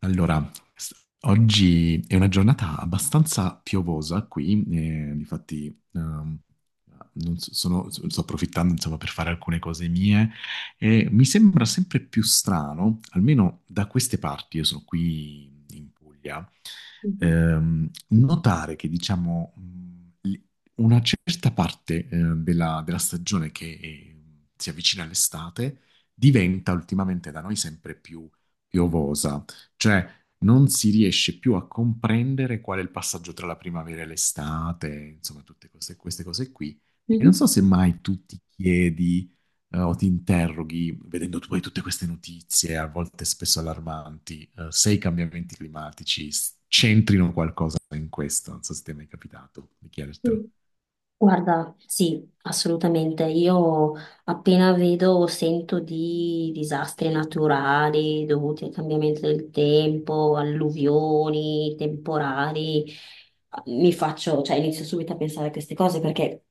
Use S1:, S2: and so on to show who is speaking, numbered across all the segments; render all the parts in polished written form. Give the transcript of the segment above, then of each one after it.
S1: Allora, s- oggi è una giornata abbastanza piovosa qui, difatti, ehm, non so- sono- sto approfittando insomma, per fare alcune cose mie. E mi sembra sempre più strano, almeno da queste parti. Io sono qui in Puglia,
S2: Mhm.
S1: notare che diciamo, una certa parte della stagione che si avvicina all'estate diventa ultimamente da noi sempre più piovosa. Cioè, non si riesce più a comprendere qual è il passaggio tra la primavera e l'estate, insomma, queste cose qui. E non so
S2: Mhm.
S1: se mai tu ti chiedi, o ti interroghi, vedendo tu poi tutte queste notizie, a volte spesso allarmanti, se i cambiamenti climatici c'entrino qualcosa in questo. Non so se ti è mai capitato di chiedertelo.
S2: Sì. Guarda, sì, assolutamente. Io appena vedo o sento di disastri naturali dovuti al cambiamento del tempo, alluvioni, temporali, mi faccio, cioè inizio subito a pensare a queste cose perché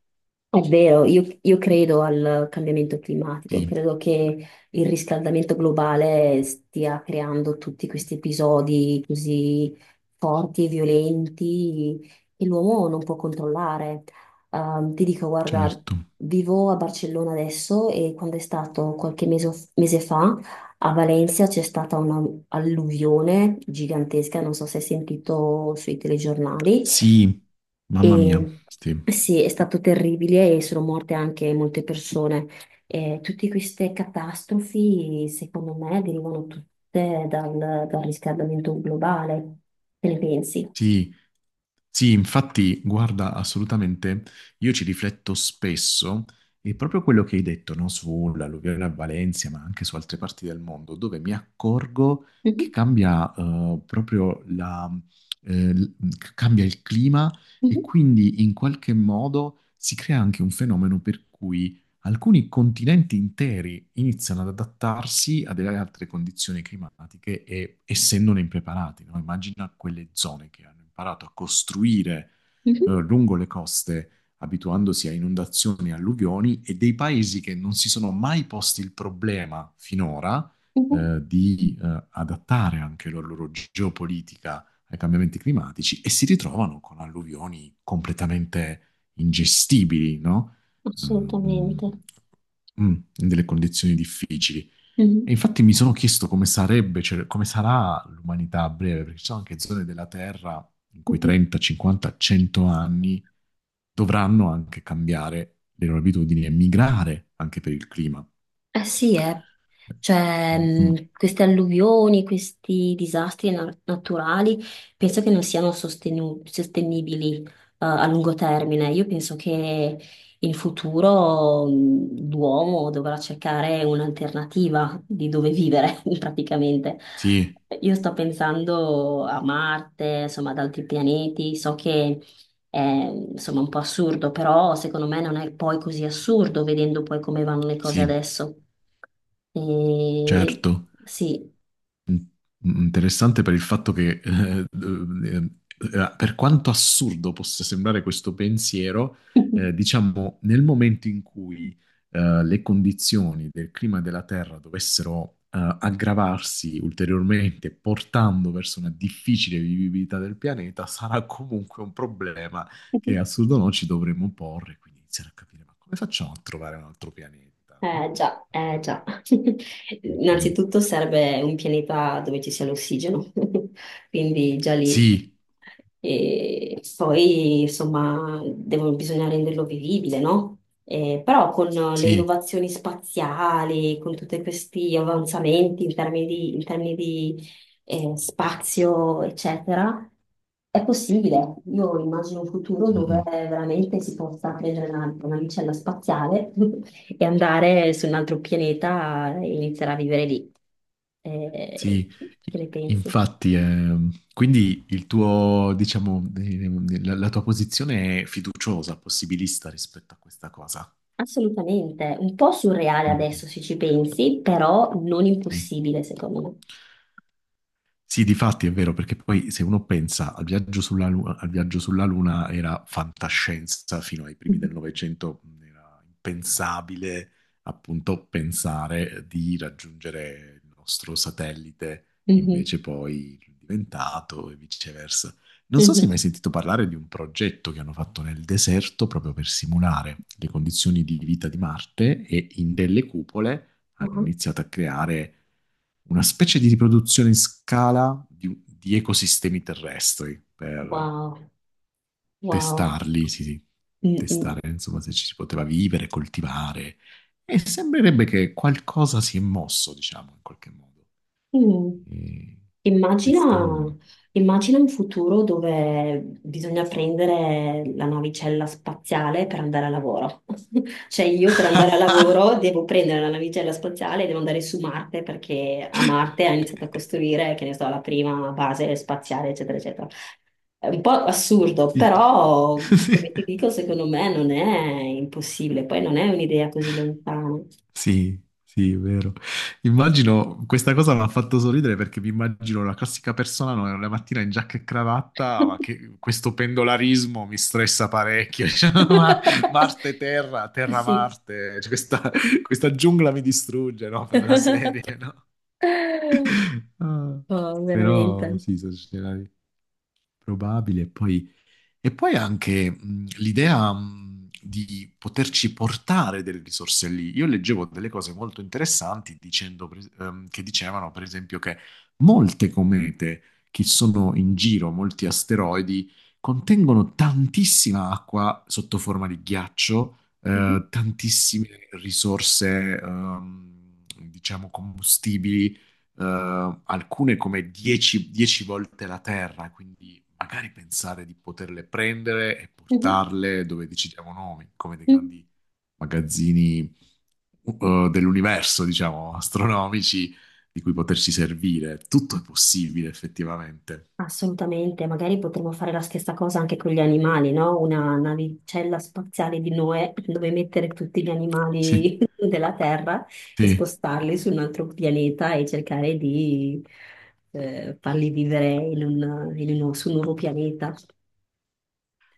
S2: è vero, io credo al cambiamento climatico,
S1: Sì,
S2: credo che il riscaldamento globale stia creando tutti questi episodi così forti e violenti che l'uomo non può controllare. Ti dico, guarda,
S1: certo.
S2: vivo a Barcellona adesso e quando è stato qualche mese, mese fa a Valencia c'è stata un'alluvione gigantesca, non so se hai sentito sui telegiornali.
S1: Sì, mamma mia,
S2: E
S1: sì.
S2: eh sì, è stato terribile e sono morte anche molte persone. E tutte queste catastrofi, secondo me, derivano tutte dal riscaldamento globale. Che ne pensi?
S1: Sì, sì, infatti, guarda, assolutamente, io ci rifletto spesso e proprio quello che hai detto, no, sull'alluvione a Valencia, ma anche su altre parti del mondo, dove mi accorgo che
S2: Mhm,
S1: cambia proprio la, l- cambia il clima. E
S2: mhm,
S1: quindi in qualche modo si crea anche un fenomeno per cui alcuni continenti interi iniziano ad adattarsi a delle altre condizioni climatiche e essendone impreparati, no? Immagina quelle zone che hanno imparato a costruire
S2: mhm,
S1: lungo le coste, abituandosi a inondazioni e alluvioni, e dei paesi che non si sono mai posti il problema finora,
S2: mhm.
S1: di adattare anche la loro geopolitica ai cambiamenti climatici e si ritrovano con alluvioni completamente ingestibili, no?
S2: Assolutamente.
S1: ehm, In delle condizioni difficili. E
S2: Mhm,
S1: infatti mi sono chiesto come sarebbe, cioè, come sarà l'umanità a breve, perché ci sono anche zone della Terra in cui
S2: mhm.
S1: 30, 50, 100 anni dovranno anche cambiare le loro abitudini e migrare anche per il clima.
S2: Eh sì, eh. Cioè,
S1: Mm, mm,
S2: queste alluvioni, questi disastri naturali, penso che non siano sostenibili, a lungo termine. Io penso che in futuro, l'uomo dovrà cercare un'alternativa di dove vivere, praticamente.
S1: sì,
S2: Io sto pensando a Marte, insomma, ad altri pianeti. So che è, insomma, un po' assurdo, però secondo me non è poi così assurdo vedendo poi come vanno le cose
S1: sì,
S2: adesso. E
S1: certo.
S2: sì.
S1: Mm, Interessante per il fatto che, eh, per quanto assurdo possa sembrare questo pensiero, diciamo, nel momento in cui, le condizioni del clima della Terra dovessero, aggravarsi ulteriormente, portando verso una difficile vivibilità del pianeta, sarà comunque un problema che assurdo no ci dovremmo porre, quindi iniziare a capire, ma come facciamo a trovare un altro pianeta,
S2: Eh
S1: no?
S2: già, eh
S1: Andare
S2: già.
S1: vicino.
S2: Innanzitutto serve un pianeta dove ci sia l'ossigeno, quindi già lì.
S1: Sì,
S2: E poi, insomma, bisogna renderlo vivibile, no? Però con le
S1: sì.
S2: innovazioni spaziali, con tutti questi avanzamenti in termini di, spazio, eccetera, è possibile. Io immagino un futuro dove
S1: Mm,
S2: veramente si possa prendere una navicella spaziale e andare su un altro pianeta e iniziare a vivere lì. Eh,
S1: sì.
S2: che
S1: i-
S2: ne pensi?
S1: infatti, quindi il tuo, diciamo, la tua posizione è fiduciosa, possibilista rispetto a questa cosa.
S2: Assolutamente, un po' surreale
S1: Mm,
S2: adesso se ci pensi, però non
S1: sì.
S2: impossibile secondo me.
S1: Sì, difatti è vero, perché poi se uno pensa al viaggio sulla Luna era fantascienza fino ai primi del Novecento, era impensabile appunto pensare di raggiungere il nostro satellite,
S2: Mhm,
S1: invece poi è diventato e viceversa. Non so se hai mai
S2: mhm,
S1: sentito parlare di un progetto che hanno fatto nel deserto proprio per simulare le condizioni di vita di Marte e in delle cupole hanno
S2: mhm.
S1: iniziato a creare una specie di riproduzione in scala di ecosistemi terrestri per
S2: Wow, wow.
S1: testarli, sì, sì,
S2: Mm, mm,
S1: testare insomma se ci si poteva vivere, coltivare. E sembrerebbe che qualcosa si è mosso, diciamo, in qualche modo.
S2: mm.
S1: E
S2: Immagina,
S1: questo.
S2: Immagina un futuro dove bisogna prendere la navicella spaziale per andare a lavoro. Cioè io per andare a lavoro devo prendere la navicella spaziale e devo andare su Marte perché a Marte ha iniziato a costruire, che ne so, la prima base spaziale, eccetera, eccetera. È un po' assurdo,
S1: Sì.
S2: però
S1: Sì.
S2: come ti dico, secondo me non è impossibile, poi non è un'idea così lontana.
S1: Sì, sì, è vero. Immagino, questa cosa mi ha fatto sorridere perché mi immagino la classica persona, no, la mattina in giacca e cravatta, ma che questo pendolarismo mi stressa parecchio. Cioè, ma Marte-Terra,
S2: Sì.
S1: Terra-Marte, cioè, questa giungla mi distrugge, no, per la serie, no? Ah,
S2: Oh,
S1: però
S2: veramente.
S1: sì, sono scenari probabili, e poi anche l'idea, di poterci portare delle risorse lì. Io leggevo delle cose molto interessanti dicendo, che dicevano, per esempio, che molte comete che sono in giro, molti asteroidi, contengono tantissima acqua sotto forma di ghiaccio,
S2: Mhm,
S1: tantissime risorse, diciamo, combustibili, alcune come 10 volte la Terra, quindi magari pensare di poterle prendere e
S2: mhm,
S1: portarle dove decidiamo noi, come dei
S2: mhm.
S1: grandi magazzini dell'universo, diciamo, astronomici, di cui poterci servire. Tutto è possibile effettivamente.
S2: Assolutamente, magari potremmo fare la stessa cosa anche con gli animali, no? Una navicella spaziale di Noè dove mettere tutti gli
S1: Sì,
S2: animali della Terra e
S1: sì.
S2: spostarli su un altro pianeta e cercare di farli vivere in su un nuovo pianeta.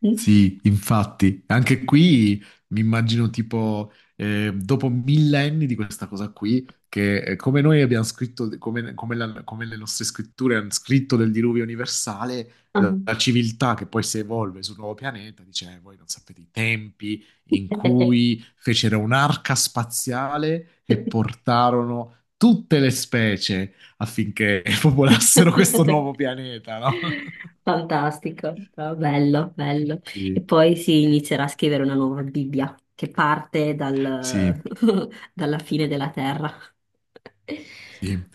S2: Mm?
S1: Sì, infatti, anche qui mi immagino tipo, dopo millenni di questa cosa qui, che come noi abbiamo scritto, come le nostre scritture hanno scritto del diluvio universale,
S2: Ah.
S1: la civiltà che poi si evolve sul nuovo pianeta dice, voi non sapete i tempi in cui fecero un'arca spaziale e portarono tutte le specie affinché popolassero questo nuovo pianeta, no?"
S2: Fantastico. Ah, bello, bello. E
S1: Sì.
S2: poi si inizierà a scrivere una nuova Bibbia che parte
S1: Sì.
S2: dalla fine della terra.
S1: Sì,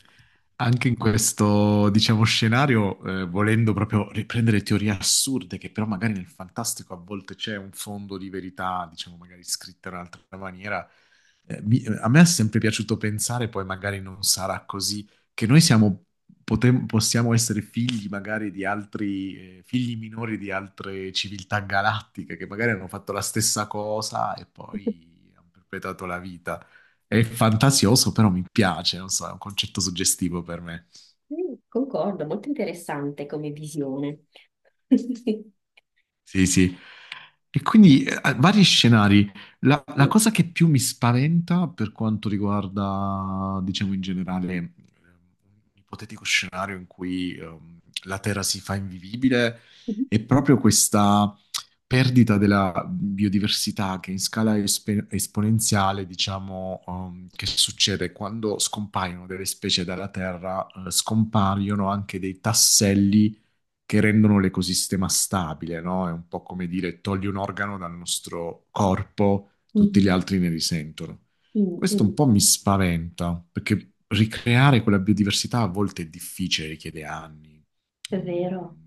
S1: anche in questo, diciamo, scenario, volendo proprio riprendere teorie assurde, che però magari nel fantastico a volte c'è un fondo di verità, diciamo, magari scritta in un'altra maniera, a me è sempre piaciuto pensare, poi magari non sarà così, che noi possiamo essere figli magari di altri, figli minori di altre civiltà galattiche, che magari hanno fatto la stessa cosa e poi hanno perpetrato la vita. È fantasioso, però mi piace, non so, è un concetto suggestivo per me.
S2: Mm, concordo, molto interessante come visione.
S1: Sì, sì. E quindi, vari scenari. La
S2: Sì.
S1: cosa che più mi spaventa per quanto riguarda, diciamo in generale, un ipotetico scenario in cui la Terra si fa invivibile è proprio questa perdita della biodiversità che in scala esponenziale, diciamo, che succede quando scompaiono delle specie dalla Terra, scompaiono anche dei tasselli che rendono l'ecosistema stabile, no? È un po' come dire togli un organo dal nostro corpo, tutti gli
S2: Mm,
S1: altri ne risentono.
S2: mm,
S1: Questo un
S2: mm.
S1: po' mi spaventa, perché ricreare quella biodiversità a volte è difficile, richiede anni,
S2: È vero,
S1: mm,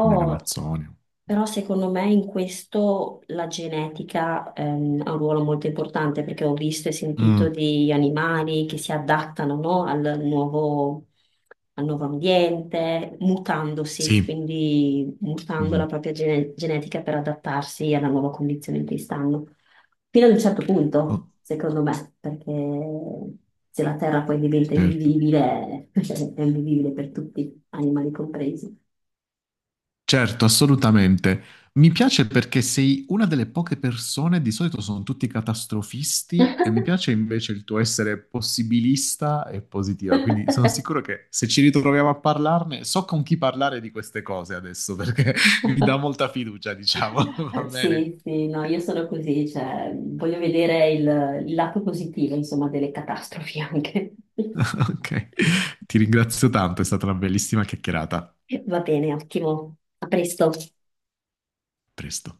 S1: come in Amazzonia.
S2: però secondo me in questo la genetica ha un ruolo molto importante perché ho visto e sentito
S1: Mm,
S2: di animali che si adattano, no, al nuovo ambiente, mutandosi,
S1: sì,
S2: quindi mutando la
S1: mhm.
S2: propria genetica per adattarsi alla nuova condizione in cui stanno. Fino ad un certo punto,
S1: Oh,
S2: secondo me, perché se la Terra poi diventa
S1: certo.
S2: invivibile, è invivibile per tutti, animali compresi.
S1: Certo, assolutamente. Mi piace perché sei una delle poche persone, di solito sono tutti catastrofisti, e mi piace invece il tuo essere possibilista e positiva. Quindi sono sicuro che se ci ritroviamo a parlarne, so con chi parlare di queste cose adesso, perché mi dà molta fiducia, diciamo. Va bene?
S2: Sì, sì, no, io sono così, cioè, voglio vedere il lato positivo, insomma, delle catastrofi anche.
S1: Ok. Ti ringrazio tanto, è stata una bellissima chiacchierata. A
S2: Va bene, ottimo. A presto.
S1: presto.